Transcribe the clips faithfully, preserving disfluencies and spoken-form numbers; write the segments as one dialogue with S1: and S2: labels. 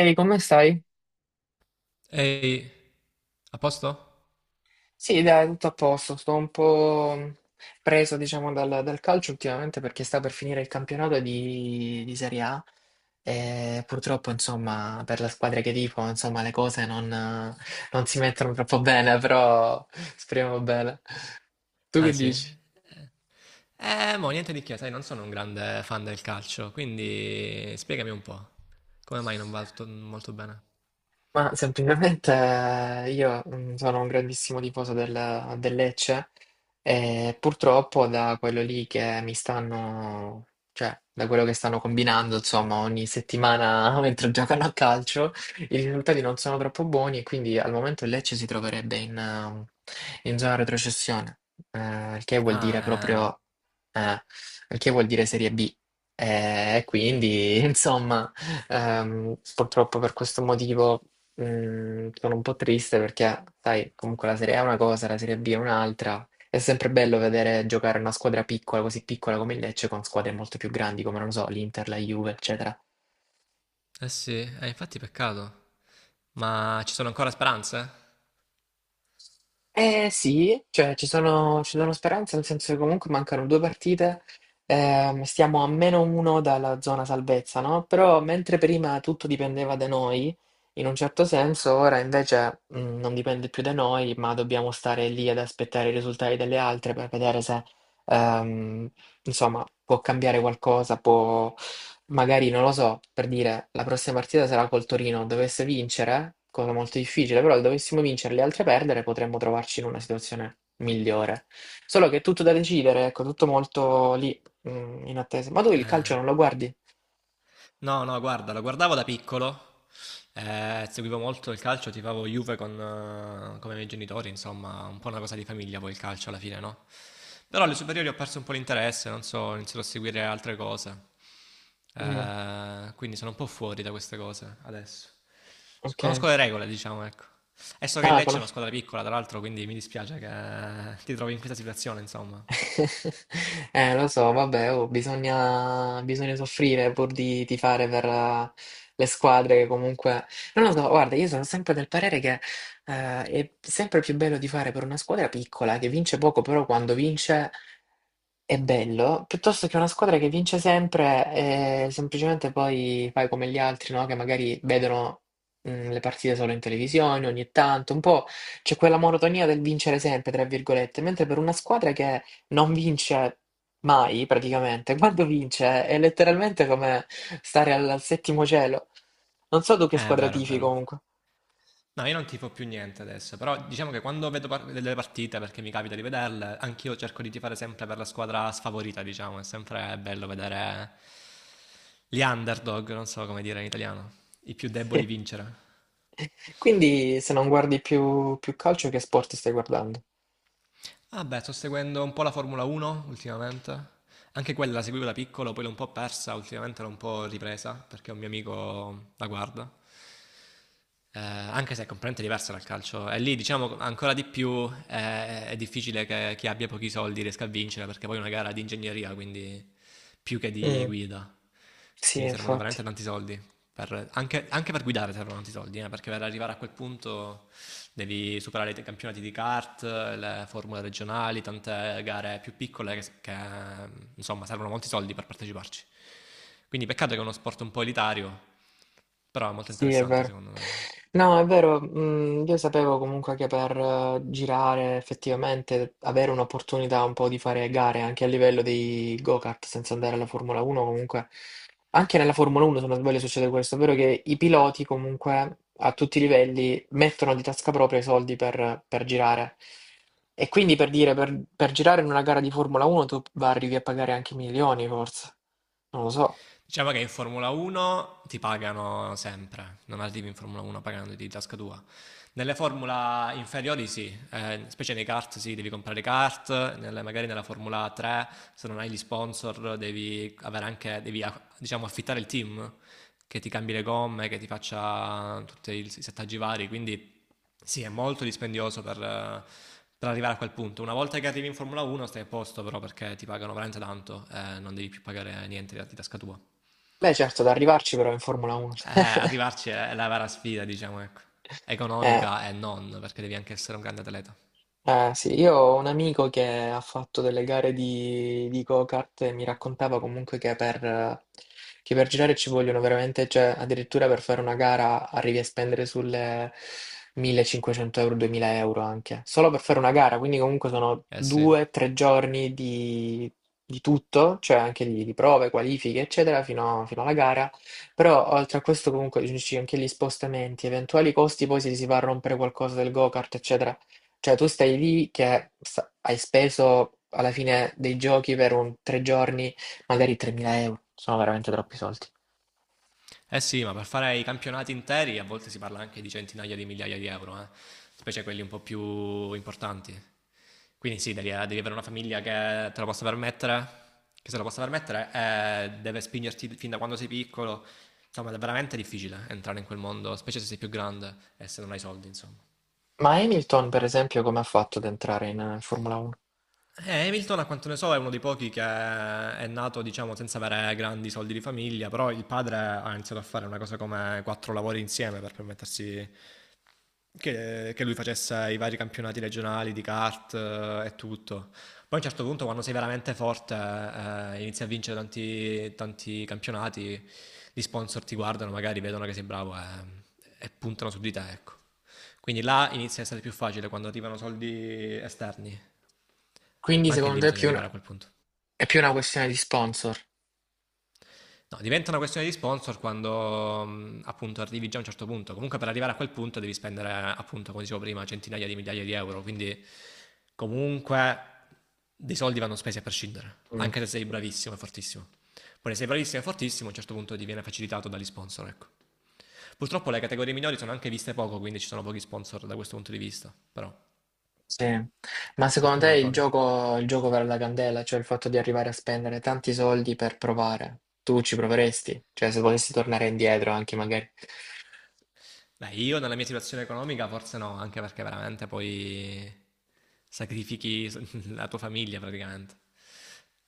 S1: Ehi, come stai?
S2: Ehi, a posto?
S1: Sì, dai, tutto a posto. Sto un po' preso, diciamo, dal, dal calcio ultimamente perché sta per finire il campionato di, di Serie A e purtroppo, insomma, per la squadra che tifo, insomma, le cose non, non si mettono troppo bene, però speriamo bene. Tu
S2: Ah
S1: che
S2: sì?
S1: dici?
S2: Eh, mo, niente di che, sai, non sono un grande fan del calcio, quindi spiegami un po'. Come mai non va tutto molto bene?
S1: Ma semplicemente eh, io mm, sono un grandissimo tifoso del, del Lecce e purtroppo da quello lì che mi stanno, cioè da quello che stanno combinando, insomma, ogni settimana mentre giocano a calcio, i risultati non sono troppo buoni e quindi al momento il Lecce si troverebbe in, ehm, in zona retrocessione, eh, il che vuol dire
S2: Ah,
S1: proprio, eh, il che vuol dire Serie B. Eh, E quindi, insomma, ehm, purtroppo per questo motivo. Mm, sono un po' triste perché, sai, comunque la Serie A è una cosa, la Serie B è un'altra. È sempre bello vedere giocare una squadra piccola, così piccola come il Lecce, con squadre molto più grandi come, non lo so, l'Inter, la Juve, eccetera.
S2: eh. Eh sì, eh, infatti peccato. Ma ci sono ancora speranze?
S1: Eh sì, cioè ci sono, ci sono speranze, nel senso che comunque mancano due partite, ehm, stiamo a meno uno dalla zona salvezza, no? Però mentre prima tutto dipendeva da noi, in un certo senso, ora invece mh, non dipende più da noi, ma dobbiamo stare lì ad aspettare i risultati delle altre per vedere se, ehm, insomma, può cambiare qualcosa, può, magari non lo so, per dire, la prossima partita sarà col Torino, dovesse vincere, cosa molto difficile, però dovessimo vincere e le altre perdere, potremmo trovarci in una situazione migliore. Solo che è tutto da decidere, ecco, tutto molto lì, mm, in attesa. Ma tu il
S2: Eh.
S1: calcio non lo guardi?
S2: No, no, guarda, lo guardavo da piccolo, eh, seguivo molto il calcio, tifavo Juve con, eh, come i miei genitori, insomma, un po' una cosa di famiglia poi il calcio alla fine, no? Però alle superiori ho perso un po' l'interesse, non so, ho iniziato a seguire altre cose.
S1: Mm,
S2: Eh, quindi sono un po' fuori da queste cose adesso.
S1: ok.
S2: Conosco le regole, diciamo, ecco. E so che il
S1: Ah,
S2: Lecce è una
S1: conosco.
S2: squadra piccola, tra l'altro, quindi mi dispiace che eh, ti trovi in questa situazione, insomma.
S1: Eh, lo so, vabbè, oh, bisogna, bisogna soffrire pur di tifare per eh, le squadre che comunque. Non lo so, guarda, io sono sempre del parere che eh, è sempre più bello tifare per una squadra piccola che vince poco, però quando vince è bello, piuttosto che una squadra che vince sempre e semplicemente poi fai come gli altri, no? Che magari vedono mh, le partite solo in televisione ogni tanto, un po' c'è quella monotonia del vincere sempre, tra virgolette, mentre per una squadra che non vince mai praticamente. Quando vince è letteralmente come stare al, al settimo cielo. Non so tu che
S2: Eh, è
S1: squadra
S2: vero, è
S1: tifi
S2: vero.
S1: comunque.
S2: No, io non tifo più niente adesso, però diciamo che quando vedo par- delle partite, perché mi capita di vederle, anch'io cerco di tifare sempre per la squadra sfavorita, diciamo, è sempre bello vedere gli underdog, non so come dire in italiano, i più
S1: Sì.
S2: deboli vincere.
S1: Quindi se non guardi più, più calcio, che sport stai guardando?
S2: Ah beh, sto seguendo un po' la Formula uno ultimamente. Anche quella la seguivo da piccolo, poi l'ho un po' persa, ultimamente l'ho un po' ripresa perché un mio amico la guarda. Eh, anche se è completamente diversa dal calcio. E lì, diciamo, ancora di più eh, è difficile che chi abbia pochi soldi riesca a vincere perché poi è una gara di ingegneria, quindi più che di
S1: Mm,
S2: guida.
S1: sì,
S2: Quindi servono veramente
S1: infatti.
S2: tanti soldi. per- anche, anche per guidare servono tanti soldi, eh, perché per arrivare a quel punto devi superare i te- campionati di kart, le formule regionali, tante gare più piccole che, che, insomma servono molti soldi per parteciparci. Quindi peccato che è uno sport un po' elitario, però è molto
S1: Sì, è
S2: interessante
S1: vero.
S2: secondo me.
S1: No, è vero, mm, io sapevo comunque che per eh, girare effettivamente, avere un'opportunità un po' di fare gare anche a livello dei go-kart senza andare alla Formula uno, comunque anche nella Formula uno se non sbaglio succede questo, ovvero che i piloti comunque a tutti i livelli mettono di tasca propria i soldi per, per girare. E quindi per dire, per, per girare in una gara di Formula uno tu va- arrivi a pagare anche milioni forse, non lo so.
S2: Diciamo che in Formula uno ti pagano sempre, non arrivi in Formula uno pagando di tasca tua. Nelle Formula inferiori sì, eh, specie nei kart sì, devi comprare kart, nelle- magari nella Formula tre se non hai gli sponsor devi, avere anche, devi a- diciamo, affittare il team che ti cambi le gomme, che ti faccia tutti i settaggi vari, quindi sì, è molto dispendioso per, eh, per arrivare a quel punto. Una volta che arrivi in Formula uno stai a posto però perché ti pagano veramente tanto, eh, non devi più pagare niente di tasca tua.
S1: Beh certo, da arrivarci però in Formula uno.
S2: Eh, arrivarci è la vera sfida, diciamo, ecco. Economica e non, perché devi anche essere un grande atleta.
S1: Eh sì, io ho un amico che ha fatto delle gare di, di go-kart e mi raccontava comunque che per, che per girare ci vogliono veramente, cioè addirittura per fare una gara arrivi a spendere sulle millecinquecento euro, duemila euro anche, solo per fare una gara, quindi comunque sono
S2: Eh sì.
S1: due, tre giorni di, di tutto, cioè anche di, di prove, qualifiche, eccetera, fino, fino alla gara, però oltre a questo comunque ci sono anche gli spostamenti, eventuali costi, poi se si va a rompere qualcosa del go-kart, eccetera. Cioè, tu stai lì che sa- hai speso alla fine dei giochi per un tre giorni, magari tremila euro. Sono veramente troppi soldi.
S2: Eh sì, ma per fare i campionati interi a volte si parla anche di centinaia di migliaia di euro, eh. Specie quelli un po' più importanti. Quindi sì, devi, eh, devi avere una famiglia che te lo possa permettere, che se lo possa permettere, e deve spingerti fin da quando sei piccolo. Insomma, è veramente difficile entrare in quel mondo, specie se sei più grande e se non hai soldi, insomma.
S1: Ma Hamilton, per esempio, come ha fatto ad entrare in eh, Formula uno?
S2: Eh, Hamilton, a quanto ne so, è uno dei pochi che è nato, diciamo, senza avere grandi soldi di famiglia, però il padre ha iniziato a fare una cosa come quattro lavori insieme per permettersi che, che lui facesse i vari campionati regionali di kart eh, e tutto. Poi a un certo punto, quando sei veramente forte, eh, inizi a vincere tanti, tanti campionati, gli sponsor ti guardano, magari vedono che sei bravo e, e puntano su di te, ecco. Quindi là inizia a essere più facile quando arrivano soldi esterni.
S1: Quindi,
S2: Ma anche
S1: secondo
S2: lì
S1: te, è
S2: bisogna
S1: più
S2: arrivare a
S1: una,
S2: quel punto.
S1: è più una questione di sponsor?
S2: No, diventa una questione di sponsor quando mh, appunto arrivi già a un certo punto. Comunque per arrivare a quel punto devi spendere appunto, come dicevo prima, centinaia di migliaia di euro. Quindi comunque dei soldi vanno spesi a prescindere,
S1: Mm,
S2: anche se sei bravissimo e fortissimo. Poi se sei bravissimo e fortissimo a un certo punto diviene facilitato dagli sponsor, ecco. Purtroppo le categorie minori sono anche viste poco, quindi ci sono pochi sponsor da questo punto di vista, però
S1: sì. Ma secondo
S2: qualcuno
S1: te
S2: lo
S1: il
S2: trovi.
S1: gioco, il gioco vale la candela? Cioè, il fatto di arrivare a spendere tanti soldi per provare? Tu ci proveresti? Cioè, se potessi tornare indietro anche magari.
S2: Beh, io nella mia situazione economica forse no, anche perché veramente poi sacrifichi la tua famiglia praticamente.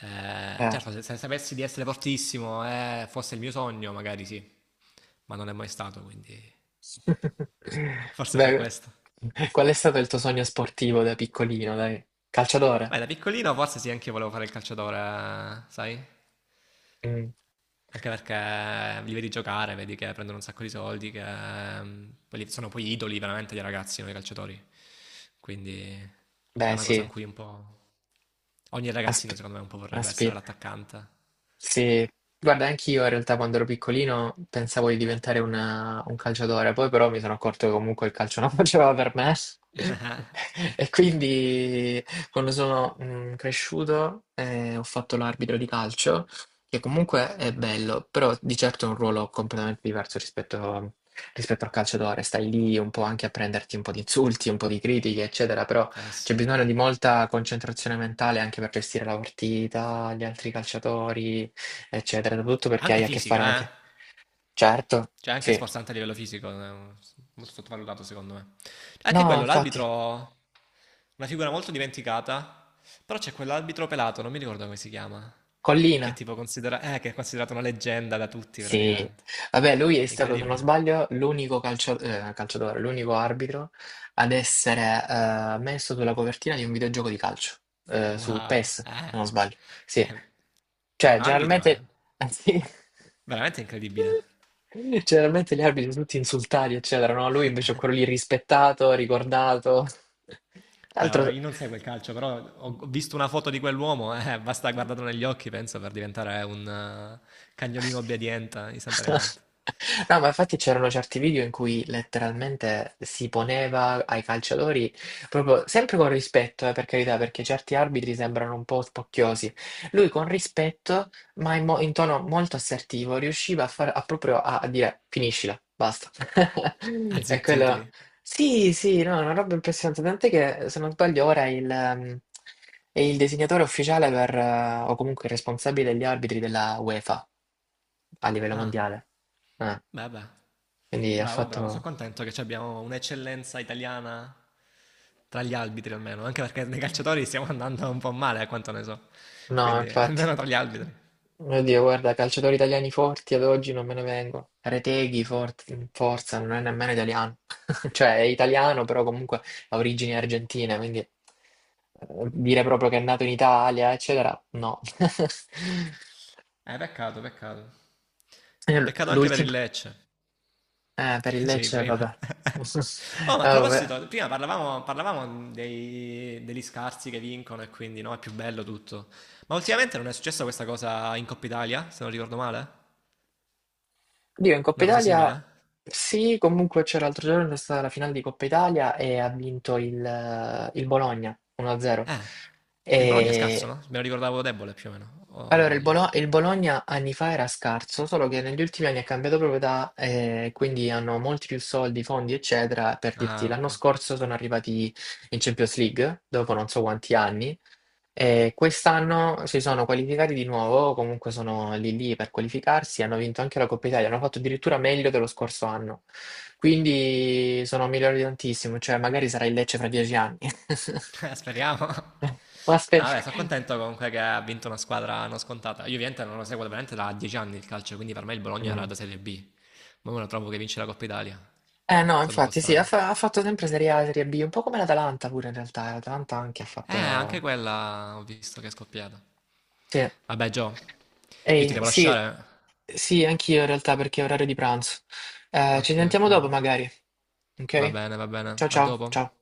S2: Eh,
S1: Eh.
S2: certo, se, se sapessi di essere fortissimo e fosse il mio sogno, magari sì, ma non è mai stato, quindi forse per
S1: Beh,
S2: questo.
S1: qual è stato il tuo sogno sportivo da piccolino, dai? Calciatore?
S2: Beh, da piccolino forse sì, anche io volevo fare il calciatore, sai?
S1: Mm.
S2: Anche perché li vedi giocare, vedi che prendono un sacco di soldi, che mm, quelli sono poi idoli veramente dei ragazzi, no, i calciatori. Quindi è
S1: Beh,
S2: una cosa
S1: sì,
S2: in cui un po'. Ogni ragazzino,
S1: aspi-
S2: secondo me, un po' vorrebbe essere
S1: aspira.
S2: l'attaccante.
S1: Sì, guarda, anch'io in realtà quando ero piccolino pensavo di diventare una- un calciatore, poi però mi sono accorto che comunque il calcio non faceva per me e quindi quando sono mm, cresciuto eh, ho fatto l'arbitro di calcio, che comunque è bello, però di certo è un ruolo completamente diverso rispetto, rispetto al calciatore, stai lì un po' anche a prenderti un po' di insulti, un po' di critiche, eccetera, però.
S2: Eh
S1: C'è
S2: sì.
S1: bisogno di molta concentrazione mentale anche per gestire la partita, gli altri calciatori eccetera, soprattutto perché
S2: Anche
S1: hai a che fare
S2: fisica, eh.
S1: anche. Certo,
S2: Cioè, anche
S1: sì.
S2: sforzante a livello fisico, eh, molto sottovalutato, secondo me. Anche
S1: No,
S2: quello,
S1: infatti,
S2: l'arbitro. Una figura molto dimenticata. Però c'è quell'arbitro pelato, non mi ricordo come si chiama. Che è
S1: Collina,
S2: tipo considera- eh, che è considerato una leggenda da tutti,
S1: sì.
S2: praticamente.
S1: Vabbè, lui è stato, se non
S2: Incredibile.
S1: sbaglio, l'unico calcio- eh, calciatore, l'unico arbitro ad essere eh, messo sulla copertina di un videogioco di calcio, eh, su PES,
S2: Wow.
S1: se
S2: Eh.
S1: non sbaglio. Sì.
S2: Beh, per
S1: Cioè,
S2: un arbitro è
S1: generalmente. Sì.
S2: veramente incredibile.
S1: Generalmente gli arbitri sono tutti insultati, eccetera, no? Lui invece è quello lì rispettato, ricordato. Tra
S2: Beh, ora
S1: l'altro.
S2: io non seguo il calcio, però ho ho visto una foto di quell'uomo, eh, basta guardarlo negli occhi, penso, per diventare un eh, cagnolino obbediente istantaneamente.
S1: No, ma infatti c'erano certi video in cui letteralmente si poneva ai calciatori, proprio sempre con rispetto, eh, per carità, perché certi arbitri sembrano un po' spocchiosi. Lui con rispetto, ma in, mo- in tono molto assertivo, riusciva a, far, a proprio a, a dire finiscila, basta. E quello
S2: Azzittirli.
S1: sì, sì, no, è una roba impressionante, tant'è che se non sbaglio ora è il, ehm, è il disegnatore ufficiale per, eh, o comunque il responsabile degli arbitri della UEFA a livello
S2: Ah,
S1: mondiale. Eh,
S2: beh, beh.
S1: quindi ha
S2: Bravo, bravo, sono
S1: fatto.
S2: contento che ci abbiamo un'eccellenza italiana tra gli arbitri almeno, anche perché nei calciatori stiamo andando un po' male, a quanto ne so.
S1: No,
S2: Quindi,
S1: infatti,
S2: almeno tra gli arbitri.
S1: oddio, guarda, calciatori italiani forti ad oggi non me ne vengono. Reteghi, forti- Forza, non è nemmeno italiano. Cioè, è italiano, però comunque ha origini argentine, quindi eh, dire proprio che è nato in Italia, eccetera, no.
S2: Eh, peccato, peccato.
S1: Eh,
S2: Peccato anche per il
S1: L'ultimo?
S2: Lecce.
S1: Eh, per il
S2: Dicevi
S1: Lecce,
S2: prima.
S1: vabbè.
S2: Oh, ma a
S1: Ah, vabbè.
S2: proposito, prima parlavamo, parlavamo dei- degli scarsi che vincono e quindi no, è più bello tutto. Ma
S1: Sì.
S2: ultimamente non è successa questa cosa in Coppa Italia, se non ricordo male?
S1: Dio, in Coppa
S2: Una cosa
S1: Italia
S2: simile?
S1: sì, comunque c'era l'altro giorno, è stata la finale di Coppa Italia e ha vinto il, eh, il Bologna uno a zero.
S2: Eh, e il Bologna è scarso, no?
S1: E
S2: Me lo ricordavo debole più o meno, o
S1: allora il,
S2: sbaglio.
S1: Bolo- il Bologna anni fa era scarso, solo che negli ultimi anni ha cambiato proprietà e quindi hanno molti più soldi, fondi, eccetera. Per dirti,
S2: Ah,
S1: l'anno
S2: ok.
S1: scorso sono arrivati in Champions League, dopo non so quanti anni, e quest'anno si sono qualificati di nuovo, comunque sono lì lì per qualificarsi, hanno vinto anche la Coppa Italia, hanno fatto addirittura meglio dello scorso anno. Quindi sono migliori tantissimo, cioè magari sarà il Lecce fra dieci anni.
S2: Eh, Speriamo.
S1: Ma
S2: No, vabbè,
S1: aspetta.
S2: sono contento comunque che ha vinto una squadra non scontata. Io ovviamente non lo seguo veramente da dieci anni il calcio, quindi per me il Bologna era
S1: Mm.
S2: da Serie B. Ma ora trovo che vince la Coppa Italia.
S1: Eh
S2: È
S1: no,
S2: stato un po'
S1: infatti sì, ha,
S2: strano.
S1: fa- ha fatto sempre Serie A, Serie B, un po' come l'Atalanta pure in realtà, l'Atalanta anche ha
S2: Eh, anche
S1: fatto.
S2: quella ho visto che è scoppiata.
S1: Sì.
S2: Vabbè, Gio, io ti
S1: Ehi,
S2: devo
S1: sì,
S2: lasciare.
S1: sì, anch'io in realtà perché è orario di pranzo. Eh, ci
S2: Ok,
S1: sentiamo
S2: ok.
S1: dopo magari,
S2: Va
S1: ok?
S2: bene, va bene.
S1: Ciao
S2: A
S1: ciao,
S2: dopo.
S1: ciao.